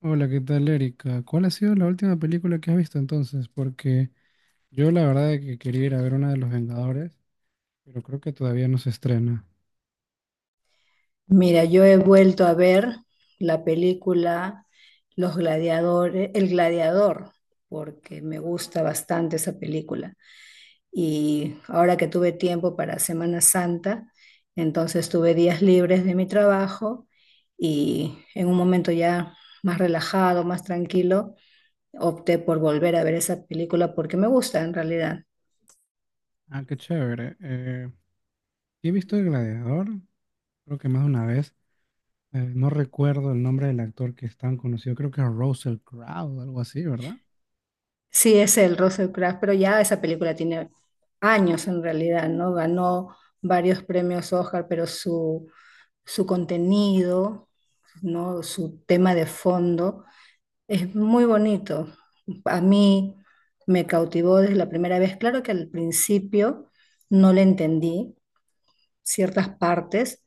Hola, ¿qué tal, Erika? ¿Cuál ha sido la última película que has visto entonces? Porque yo la verdad es que quería ir a ver una de los Vengadores, pero creo que todavía no se estrena. Mira, yo he vuelto a ver la película Los Gladiadores, El Gladiador, porque me gusta bastante esa película. Y ahora que tuve tiempo para Semana Santa, entonces tuve días libres de mi trabajo y en un momento ya más relajado, más tranquilo, opté por volver a ver esa película porque me gusta en realidad. Ah, qué chévere. He visto El Gladiador, creo que más de una vez. No recuerdo el nombre del actor que es tan conocido, creo que es Russell Crowe, algo así, ¿verdad? Sí, es el Russell Crowe, pero ya esa película tiene años en realidad, ¿no? Ganó varios premios Oscar, pero su contenido, ¿no? Su tema de fondo es muy bonito. A mí me cautivó desde la primera vez. Claro que al principio no le entendí, ciertas partes.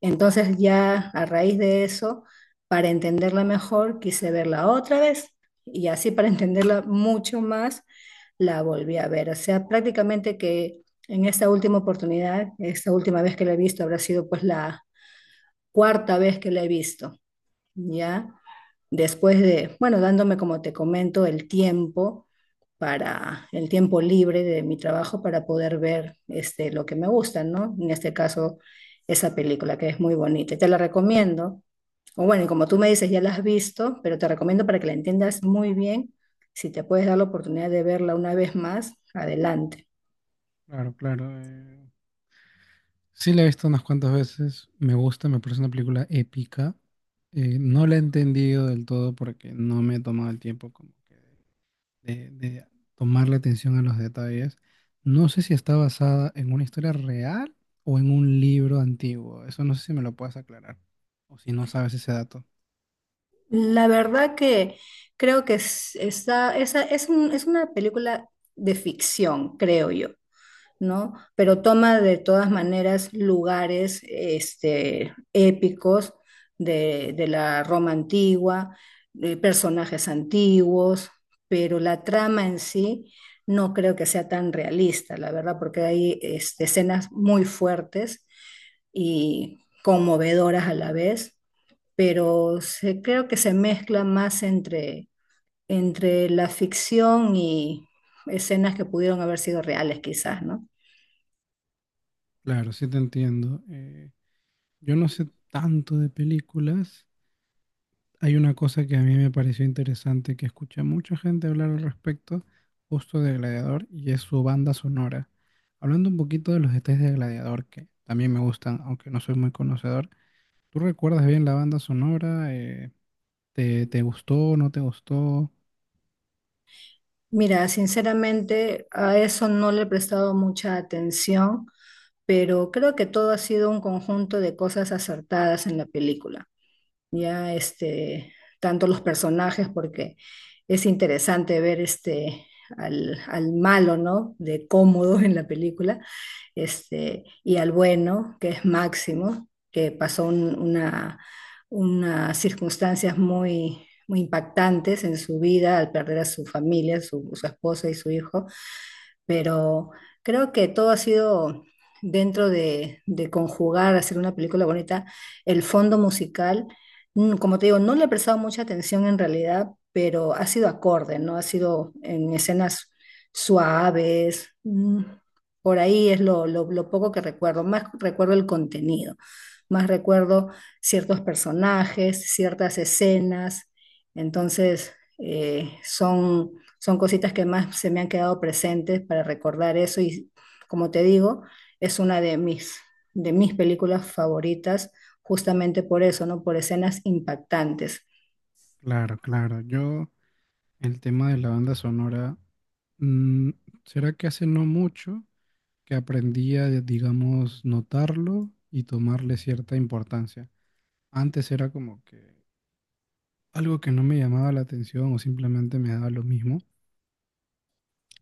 Entonces ya a raíz de eso, para entenderla mejor, quise verla otra vez y así para entenderla mucho más, la volví a ver. O sea, prácticamente que en esta última oportunidad, esta última vez que la he visto, habrá sido pues la cuarta vez que la he visto, ¿ya? Después de, bueno, dándome, como te comento, el tiempo para el tiempo libre de mi trabajo para poder ver este, lo que me gusta, ¿no? En este caso, esa película que es muy bonita. Y te la recomiendo. O bueno, y como tú me dices, ya la has visto, pero te recomiendo para que la entiendas muy bien. Si te puedes dar la oportunidad de verla una vez más, adelante. Claro, claro. Sí la he visto unas cuantas veces, me gusta, me parece una película épica. No la he entendido del todo porque no me he tomado el tiempo como que de tomarle atención a los detalles. No sé si está basada en una historia real o en un libro antiguo. Eso no sé si me lo puedes aclarar o si no sabes ese dato. La verdad que creo que es, es es una película de ficción, creo yo. ¿No? Pero toma de todas maneras lugares este, épicos de la Roma antigua, de personajes antiguos, pero la trama en sí no creo que sea tan realista, la verdad, porque hay este, escenas muy fuertes y conmovedoras a la vez, pero creo que se mezcla más entre, entre la ficción y escenas que pudieron haber sido reales quizás, ¿no? Claro, sí te entiendo. Yo no sé tanto de películas. Hay una cosa que a mí me pareció interesante que escuché a mucha gente hablar al respecto, justo de Gladiador, y es su banda sonora. Hablando un poquito de los detalles de Gladiador, que también me gustan, aunque no soy muy conocedor. ¿Tú recuerdas bien la banda sonora? ¿Te gustó no te gustó? Mira, sinceramente a eso no le he prestado mucha atención, pero creo que todo ha sido un conjunto de cosas acertadas en la película. Ya este, tanto los personajes, porque es interesante ver este al malo, ¿no? De cómodo en la película, este, y al bueno, que es Máximo, que pasó unas circunstancias muy, muy impactantes en su vida al perder a su familia, su esposa y su hijo, pero creo que todo ha sido dentro de conjugar, hacer una película bonita, el fondo musical, como te digo, no le he prestado mucha atención en realidad, pero ha sido acorde, ¿no? Ha sido en escenas suaves, por ahí es lo poco que recuerdo, más recuerdo el contenido, más recuerdo ciertos personajes, ciertas escenas, entonces eh, son son cositas que más se me han quedado presentes para recordar eso y como te digo, es una de mis películas favoritas justamente por eso, ¿no? Por escenas impactantes. Claro, claro. Yo, el tema de la banda sonora, mm, será que hace no mucho que aprendí a, digamos, notarlo y tomarle cierta importancia. Antes era como que algo que no me llamaba la atención o simplemente me daba lo mismo.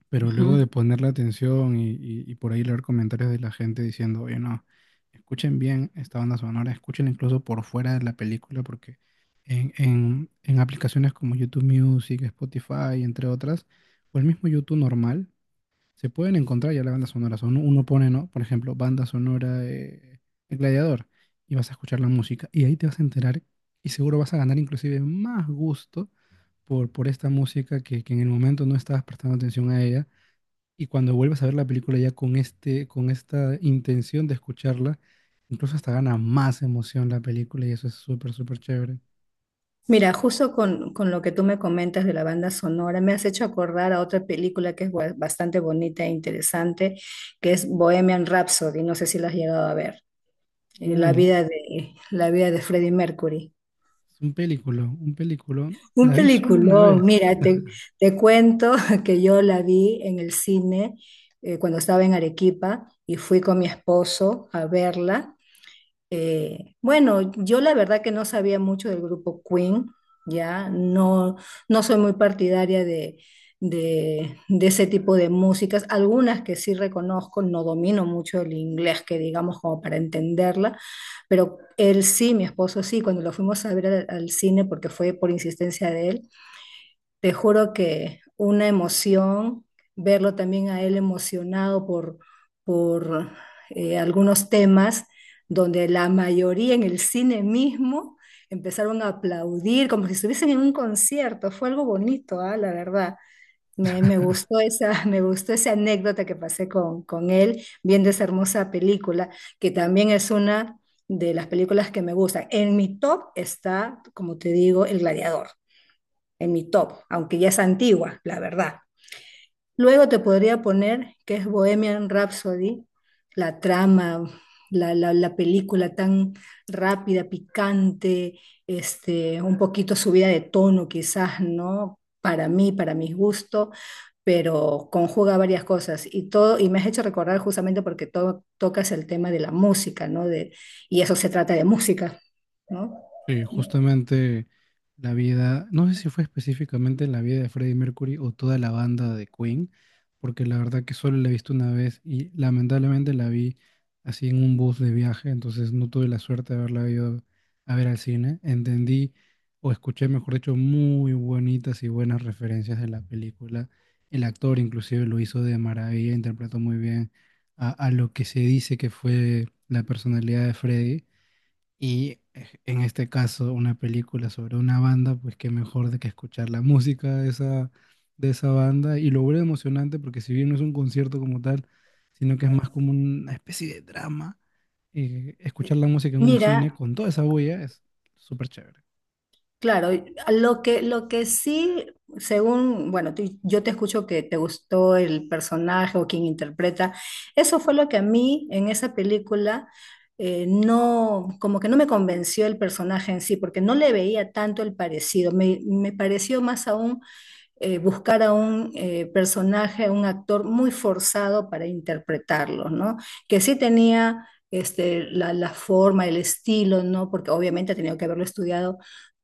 Pero luego Ujú. de ponerle atención y por ahí leer comentarios de la gente diciendo, oye, no, escuchen bien esta banda sonora, escúchenla incluso por fuera de la película, porque en aplicaciones como YouTube Music, Spotify, entre otras, o el mismo YouTube normal, se pueden encontrar ya las bandas sonoras. Uno pone, ¿no? Por ejemplo, banda sonora El Gladiador, y vas a escuchar la música, y ahí te vas a enterar, y seguro vas a ganar inclusive más gusto por esta música que en el momento no estabas prestando atención a ella y cuando vuelves a ver la película ya con este, con esta intención de escucharla, incluso hasta gana más emoción la película y eso es súper, súper chévere. Mira, justo con lo que tú me comentas de la banda sonora, me has hecho acordar a otra película que es bastante bonita e interesante, que es Bohemian Rhapsody, no sé si la has llegado a ver. La Uy, vida de, la vida de Freddie Mercury. es un película, un película. Un La vi solo una peliculón, vez. mira, te cuento que yo la vi en el cine cuando estaba en Arequipa y fui con mi esposo a verla. Bueno, yo la verdad que no sabía mucho del grupo Queen, ya no, no soy muy partidaria de ese tipo de músicas, algunas que sí reconozco, no domino mucho el inglés, que digamos como para entenderla, pero él sí, mi esposo sí, cuando lo fuimos a ver al cine, porque fue por insistencia de él, te juro que una emoción, verlo también a él emocionado por algunos temas donde la mayoría en el cine mismo empezaron a aplaudir como si estuviesen en un concierto. Fue algo bonito, ah, la verdad. Me gustó esa, me gustó esa anécdota que pasé con él viendo esa hermosa película, que también es una de las películas que me gustan. En mi top está, como te digo, El Gladiador en mi top, aunque ya es antigua, la verdad. Luego te podría poner que es Bohemian Rhapsody, la trama, la película tan rápida, picante, este, un poquito subida de tono quizás, ¿no? Para mí, para mis gustos, pero conjuga varias cosas y todo, y me has hecho recordar justamente porque tocas el tema de la música, ¿no? De, y eso se trata de música, ¿no? Sí, justamente la vida, no sé si fue específicamente la vida de Freddie Mercury o toda la banda de Queen, porque la verdad que solo la he visto una vez y lamentablemente la vi así en un bus de viaje, entonces no tuve la suerte de haberla ido a ver al cine. Entendí o escuché, mejor dicho, muy bonitas y buenas referencias de la película. El actor inclusive lo hizo de maravilla, interpretó muy bien a lo que se dice que fue la personalidad de Freddie. Y en este caso, una película sobre una banda, pues qué mejor de que escuchar la música de esa banda. Y lo vuelve emocionante porque si bien no es un concierto como tal, sino que es más como una especie de drama, escuchar la música en un cine Mira, con toda esa bulla es súper chévere. claro, y lo que sí, según, bueno, yo te escucho que te gustó el personaje o quien interpreta, eso fue lo que a mí en esa película no, como que no me convenció el personaje en sí, porque no le veía tanto el parecido, me pareció más aún buscar a un personaje, a un actor muy forzado para interpretarlo, ¿no? Que sí tenía este, la forma, el estilo, ¿no? Porque obviamente ha tenido que haberlo estudiado,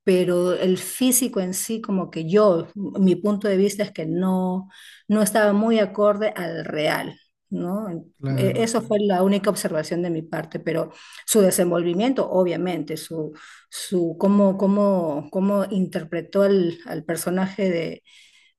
pero el físico en sí, como que yo, mi punto de vista es que no, no estaba muy acorde al real, ¿no? Claro, Eso fue claro. la única observación de mi parte, pero su desenvolvimiento, obviamente, su cómo interpretó al personaje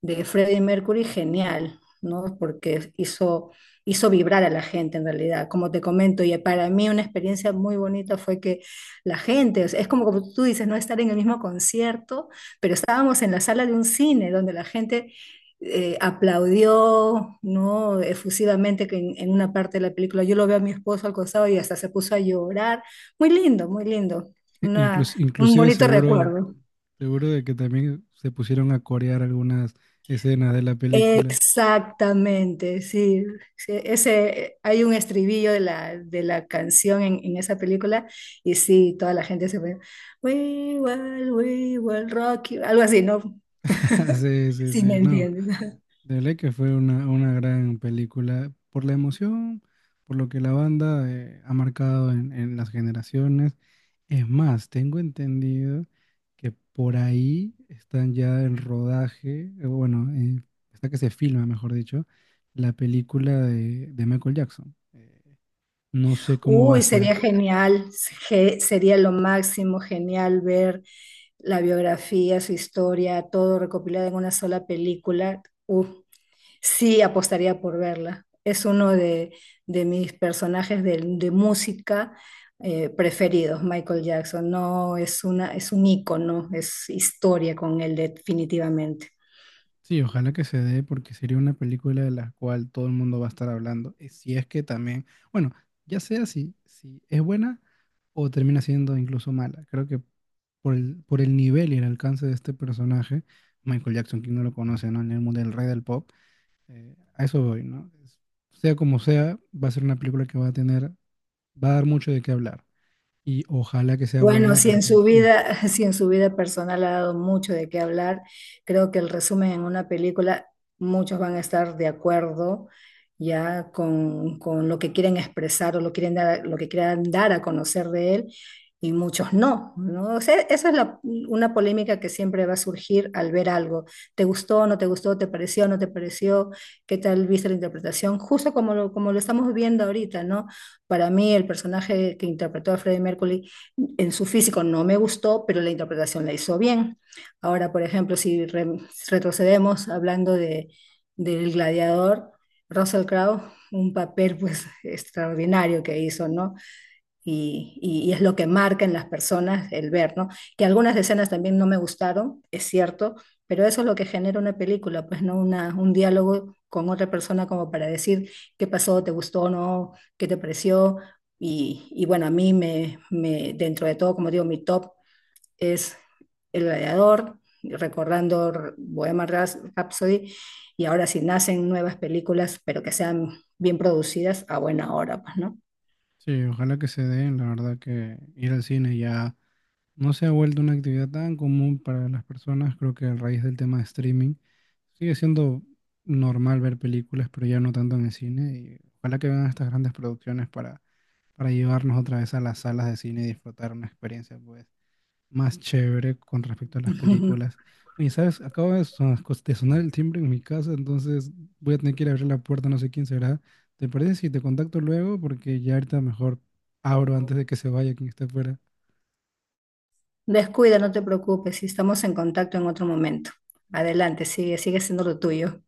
de Freddie Mercury, genial, ¿no? Porque hizo, hizo vibrar a la gente en realidad, como te comento, y para mí una experiencia muy bonita fue que la gente, o sea, es como, como tú dices, no estar en el mismo concierto, pero estábamos en la sala de un cine donde la gente aplaudió, ¿no? Efusivamente que en una parte de la película. Yo lo veo a mi esposo al costado y hasta se puso a llorar. Muy lindo, muy lindo. Una, Inclus- un inclusive bonito seguro, recuerdo. seguro de que también se pusieron a corear algunas escenas de la película. Exactamente, sí. Sí, ese, hay un estribillo de la canción en esa película y sí, toda la gente se pone, "We will, we will rock you", algo así, ¿no? Sí, sí, Si me sí, no. entiendes. De ley que fue una gran película por la emoción, por lo que la banda ha marcado en las generaciones. Es más, tengo entendido que por ahí están ya en rodaje, bueno, está que se filma, mejor dicho, la película de Michael Jackson. No sé cómo va a Uy, ser. sería genial, sería lo máximo, genial ver la biografía, su historia, todo recopilado en una sola película. Uf, sí, apostaría por verla. Es uno de mis personajes de música preferidos, Michael Jackson. No, es una, es un ícono, es historia con él definitivamente. Sí, ojalá que se dé porque sería una película de la cual todo el mundo va a estar hablando. Y si es que también, bueno, ya sea si es buena o termina siendo incluso mala. Creo que por el nivel y el alcance de este personaje, Michael Jackson, quien no lo conoce, ¿no? En el mundo del rey del pop, a eso voy, ¿no? Sea como sea, va a ser una película que va a tener, va a dar mucho de qué hablar. Y ojalá que sea Bueno, buena si en porque, su fu, vida, si en su vida personal ha dado mucho de qué hablar, creo que el resumen en una película, muchos van a estar de acuerdo ya con lo que quieren expresar o lo, quieren dar, lo que quieran dar a conocer de él y muchos no, ¿no? O sea, esa es una polémica que siempre va a surgir al ver algo. ¿Te gustó, no te gustó, te pareció, no te pareció? ¿Qué tal viste la interpretación? Justo como lo estamos viendo ahorita, ¿no? Para mí el personaje que interpretó a Freddie Mercury en su físico no me gustó, pero la interpretación la hizo bien. Ahora, por ejemplo, si retrocedemos hablando de, del gladiador, Russell Crowe, un papel pues extraordinario que hizo, ¿no? Y, y es lo que marca en las personas el ver, ¿no? Que algunas escenas también no me gustaron, es cierto, pero eso es lo que genera una película, pues no una, un diálogo con otra persona como para decir qué pasó, te gustó o no, qué te pareció. Y bueno, a mí dentro de todo, como digo, mi top es El Gladiador, recordando Bohemian Rhapsody, y ahora si nacen nuevas películas, pero que sean bien producidas, a buena hora, pues, ¿no? sí, ojalá que se dé. La verdad que ir al cine ya no se ha vuelto una actividad tan común para las personas, creo que a raíz del tema de streaming. Sigue siendo normal ver películas, pero ya no tanto en el cine. Y ojalá que vengan estas grandes producciones para llevarnos otra vez a las salas de cine y disfrutar una experiencia pues, más chévere con respecto a las películas. Oye, ¿sabes? Acaba de de sonar el timbre en mi casa, entonces voy a tener que ir a abrir la puerta, no sé quién será. ¿Te parece si te contacto luego? Porque ya ahorita mejor abro antes de que se vaya quien esté fuera. Descuida, no te preocupes, si estamos en contacto en otro momento. Adelante, sigue, sigue siendo lo tuyo.